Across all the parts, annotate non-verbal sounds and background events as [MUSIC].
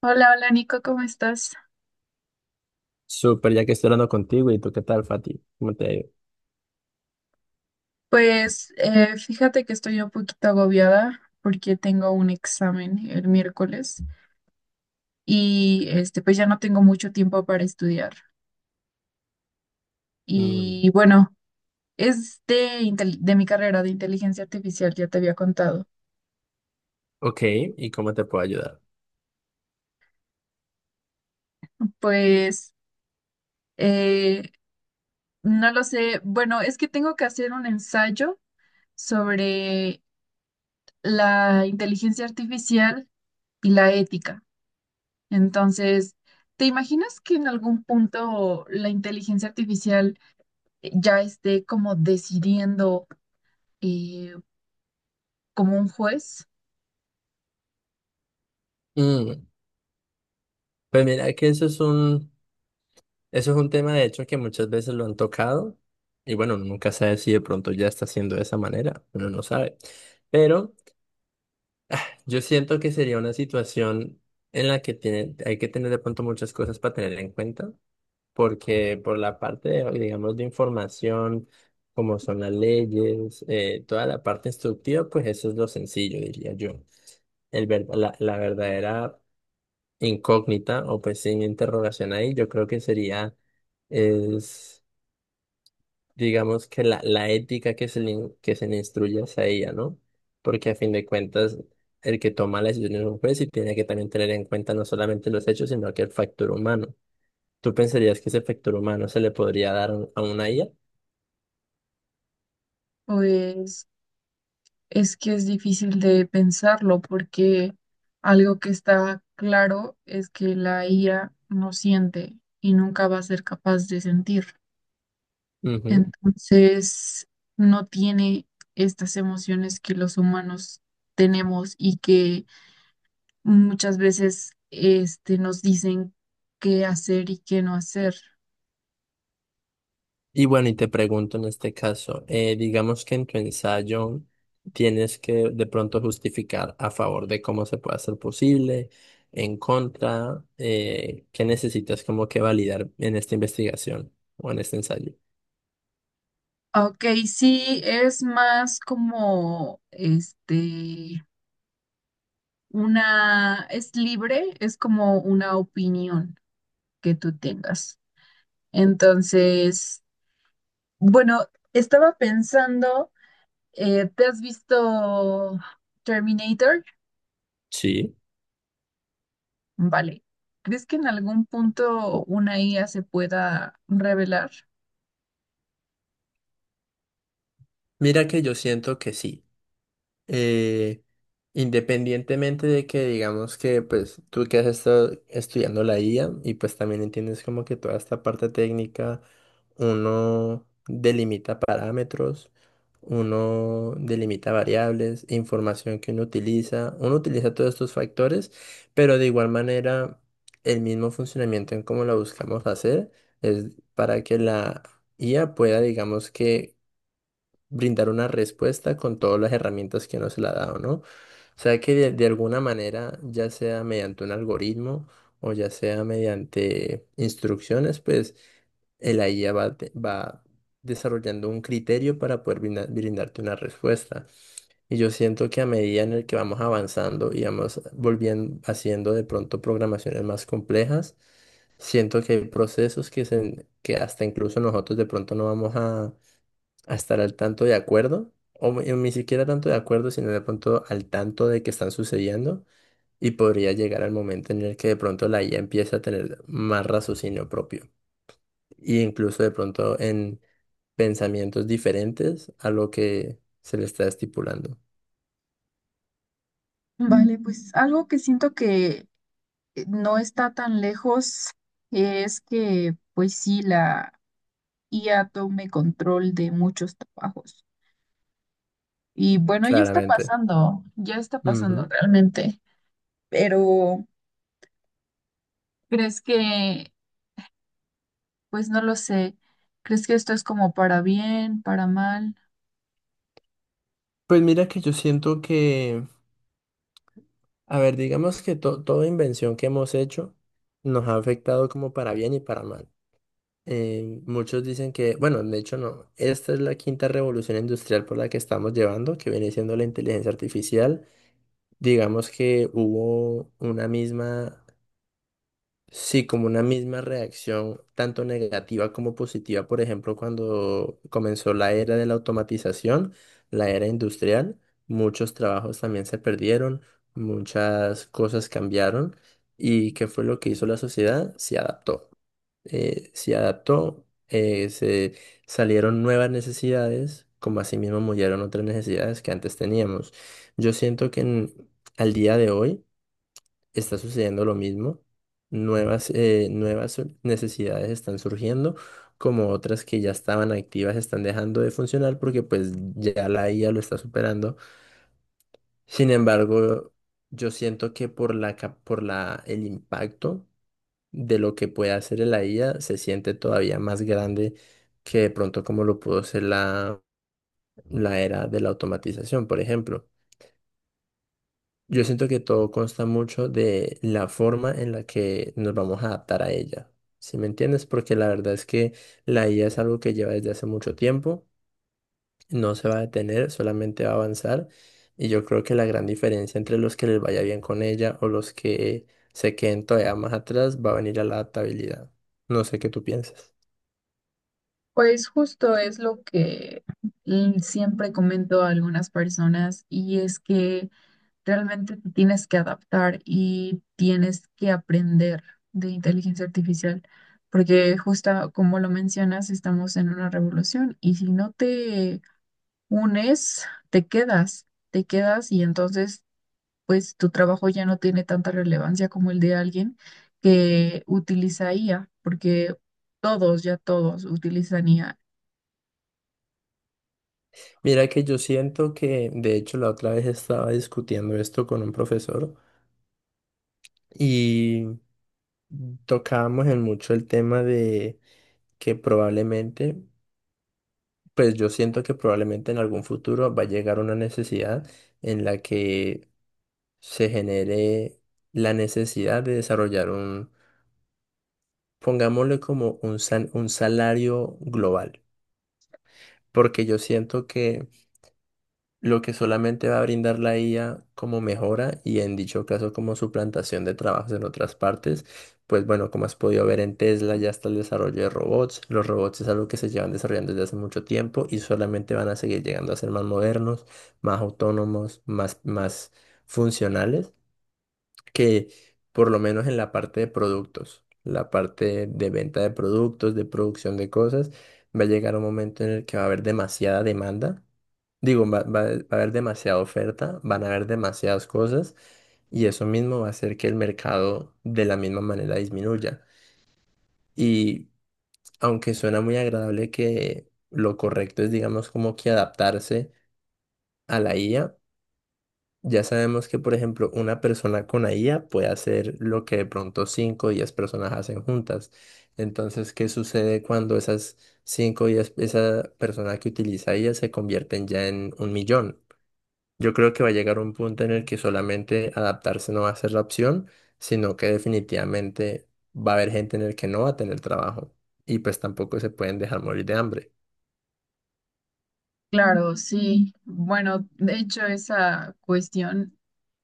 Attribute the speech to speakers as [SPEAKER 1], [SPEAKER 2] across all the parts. [SPEAKER 1] Hola, hola Nico, ¿cómo estás?
[SPEAKER 2] Súper, ya que estoy hablando contigo, ¿y tú qué tal, Fati? ¿Cómo te ha ido?
[SPEAKER 1] Fíjate que estoy un poquito agobiada porque tengo un examen el miércoles y pues ya no tengo mucho tiempo para estudiar.
[SPEAKER 2] Mm,
[SPEAKER 1] Y bueno, es de, de mi carrera de inteligencia artificial, ya te había contado.
[SPEAKER 2] ok, ¿y cómo te puedo ayudar?
[SPEAKER 1] Pues eh, no lo sé, bueno, es que tengo que hacer un ensayo sobre la inteligencia artificial y la ética. Entonces, ¿te imaginas que en algún punto la inteligencia artificial ya esté como decidiendo, eh, como un juez?
[SPEAKER 2] Mm, pues mira que eso es un tema de hecho que muchas veces lo han tocado y bueno, uno nunca sabe si de pronto ya está haciendo de esa manera, uno no sabe. Pero yo siento que sería una situación en la que tiene, hay que tener de pronto muchas cosas para tener en cuenta porque por la parte, de, digamos, de información, como son las leyes, toda la parte instructiva, pues eso es lo sencillo, diría yo. La verdadera incógnita o pues sin interrogación ahí, yo creo que sería, es, digamos que la ética que se le instruye hacia ella, ¿no? Porque a fin de cuentas, el que toma la decisión es un juez y tiene que también tener en cuenta no solamente los hechos, sino que el factor humano. ¿Tú pensarías que ese factor humano se le podría dar a una IA?
[SPEAKER 1] Pues es que es difícil de pensarlo porque algo que está claro es que la IA no siente y nunca va a ser capaz de sentir.
[SPEAKER 2] Ujú.
[SPEAKER 1] Entonces, no tiene estas emociones que los humanos tenemos y que muchas veces nos dicen qué hacer y qué no hacer.
[SPEAKER 2] Y bueno, y te pregunto en este caso, digamos que en tu ensayo tienes que de pronto justificar a favor de cómo se puede hacer posible, en contra, qué necesitas como que validar en esta investigación o en este ensayo.
[SPEAKER 1] Ok, sí, es más como una, es libre, es como una opinión que tú tengas. Entonces, bueno, estaba pensando, ¿te has visto Terminator?
[SPEAKER 2] Sí.
[SPEAKER 1] Vale. ¿Crees que en algún punto una IA se pueda revelar?
[SPEAKER 2] Mira que yo siento que sí. eh, Independientemente de que digamos que pues tú que has estado estudiando la IA y pues también entiendes como que toda esta parte técnica, uno delimita parámetros, uno delimita variables, información que uno utiliza todos estos factores, pero de igual manera el mismo funcionamiento en cómo la buscamos hacer es para que la IA pueda digamos que brindar una respuesta con todas las herramientas que nos se le ha dado, ¿no? O sea que de alguna manera, ya sea mediante un algoritmo o ya sea mediante instrucciones, pues el la IA va desarrollando un criterio para poder brindarte una respuesta. Y yo siento que a medida en el que vamos avanzando y vamos volviendo, haciendo de pronto programaciones más complejas, siento que hay procesos que, se, que hasta incluso nosotros de pronto no vamos a estar al tanto de acuerdo, o ni siquiera tanto de acuerdo, sino de pronto al tanto de que están sucediendo, y podría llegar al momento en el que de pronto la IA empieza a tener más raciocinio propio, e incluso de pronto en pensamientos diferentes a lo que se le está estipulando,
[SPEAKER 1] Vale, pues algo que siento que, no está tan lejos, es que pues sí, la IA tome control de muchos trabajos. Y bueno,
[SPEAKER 2] claramente.
[SPEAKER 1] ya está pasando
[SPEAKER 2] Ujú.
[SPEAKER 1] realmente, pero ¿crees que, pues no lo sé, ¿crees que esto es como para bien, para mal?
[SPEAKER 2] Pues mira que yo siento que, a ver, digamos que toda invención que hemos hecho nos ha afectado como para bien y para mal. Muchos dicen que, bueno, de hecho no, esta es la quinta revolución industrial por la que estamos llevando, que viene siendo la inteligencia artificial. Digamos que hubo una misma, sí, como una misma reacción, tanto negativa como positiva, por ejemplo, cuando comenzó la era de la automatización, la era industrial, muchos trabajos también se perdieron, muchas cosas cambiaron, y ¿qué fue lo que hizo la sociedad? Se adaptó, se adaptó, se salieron nuevas necesidades, como asimismo murieron otras necesidades que antes teníamos. Yo siento que al día de hoy está sucediendo lo mismo. Nuevas necesidades están surgiendo, como otras que ya estaban activas están dejando de funcionar porque pues ya la IA lo está superando. Sin embargo, yo siento que por el impacto de lo que puede hacer la IA se siente todavía más grande que de pronto como lo pudo ser la era de la automatización, por ejemplo. Yo siento que todo consta mucho de la forma en la que nos vamos a adaptar a ella. ¿Sí me entiendes? Porque la verdad es que la IA es algo que lleva desde hace mucho tiempo, no se va a detener, solamente va a avanzar. Y yo creo que la gran diferencia entre los que les vaya bien con ella o los que se queden todavía más atrás va a venir a la adaptabilidad. No sé qué tú piensas.
[SPEAKER 1] Pues justo es lo que, siempre comento a algunas personas, y es que realmente te tienes que adaptar y tienes que aprender de inteligencia artificial, porque justo como lo mencionas, estamos en una revolución y si no te unes, te quedas y entonces pues tu trabajo ya no tiene tanta relevancia como el de alguien que utiliza IA, porque todos, ya todos utilizan IA.
[SPEAKER 2] Mira que yo siento que, de hecho, la otra vez estaba discutiendo esto con un profesor y tocábamos en mucho el tema de que probablemente, pues yo siento que probablemente en algún futuro va a llegar una necesidad en la que se genere la necesidad de desarrollar un, pongámosle como un salario global, porque yo siento que lo que solamente va a brindar la IA como mejora y en dicho caso como suplantación de trabajos en otras partes. Pues bueno, como has podido ver en Tesla ya está el desarrollo de robots. Los robots es algo que se llevan desarrollando desde hace mucho tiempo y solamente van a seguir llegando a ser más modernos, más autónomos, más, más funcionales, que por lo menos en la parte de productos, la parte de venta de productos, de producción de cosas, va a llegar un momento en el que va a haber demasiada demanda. Digo, va a haber demasiada oferta, van a haber demasiadas cosas y eso mismo va a hacer que el mercado de la misma manera disminuya. Y aunque suena muy agradable que lo correcto es, digamos, como que adaptarse a la IA, ya sabemos que, por ejemplo, una persona con la IA puede hacer lo que de pronto 5 o 10 personas hacen juntas. Entonces, ¿qué sucede cuando esas 5 o 10, esa persona que utiliza IA se convierten ya en un millón? Yo creo que va a llegar un punto en el que solamente adaptarse no va a ser la opción, sino que definitivamente va a haber gente en el que no va a tener trabajo y pues tampoco se pueden dejar morir de hambre.
[SPEAKER 1] Claro, sí. Bueno, de hecho esa cuestión,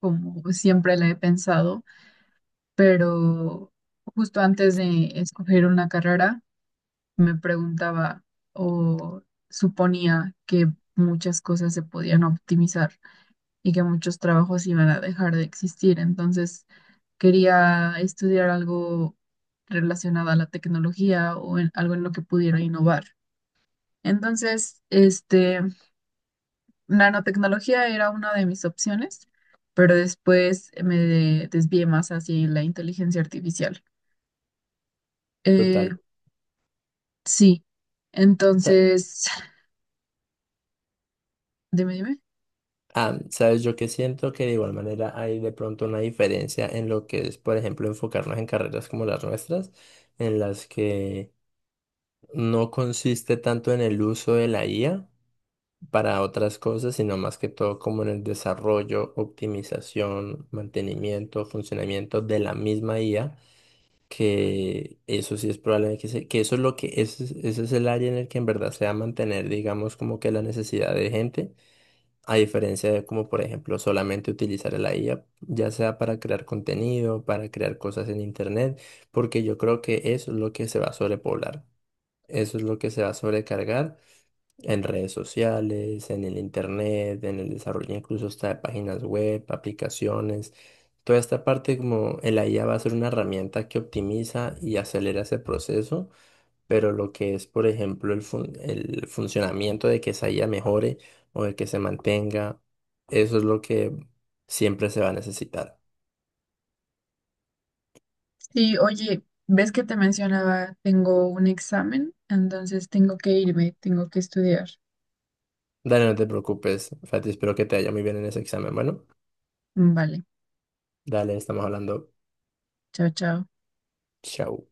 [SPEAKER 1] como siempre la he pensado, pero justo antes de escoger una carrera me preguntaba o suponía que muchas cosas se podían optimizar y que muchos trabajos iban a dejar de existir. Entonces quería estudiar algo relacionado a la tecnología o algo en lo que pudiera innovar. Entonces, nanotecnología era una de mis opciones, pero después me desvié más hacia la inteligencia artificial. Eh,
[SPEAKER 2] Total.
[SPEAKER 1] Sí,
[SPEAKER 2] Sa-
[SPEAKER 1] entonces, [LAUGHS] [SIGHS] dime, dime.
[SPEAKER 2] sabes, yo que siento que de igual manera hay de pronto una diferencia en lo que es, por ejemplo, enfocarnos en carreras como las nuestras, en las que no consiste tanto en el uso de la IA para otras cosas, sino más que todo como en el desarrollo, optimización, mantenimiento, funcionamiento de la misma IA, que eso sí es probable que eso es lo que ese es el área en el que en verdad se va a mantener, digamos, como que la necesidad de gente, a diferencia de como, por ejemplo, solamente utilizar la IA, ya sea para crear contenido, para crear cosas en internet, porque yo creo que eso es lo que se va a sobrepoblar. Eso es lo que se va a sobrecargar en redes sociales, en el internet, en el desarrollo incluso hasta de páginas web, aplicaciones. Toda esta parte como el IA va a ser una herramienta que optimiza y acelera ese proceso, pero lo que es, por ejemplo, el funcionamiento de que esa IA mejore o de que se mantenga, eso es lo que siempre se va a necesitar.
[SPEAKER 1] Sí, oye, ves que te mencionaba, tengo un examen, entonces tengo que irme, tengo que estudiar.
[SPEAKER 2] Dale, no te preocupes, Fati, espero que te haya muy bien en ese examen. Bueno,
[SPEAKER 1] Vale,
[SPEAKER 2] dale, estamos hablando.
[SPEAKER 1] chao, chao.
[SPEAKER 2] Chao.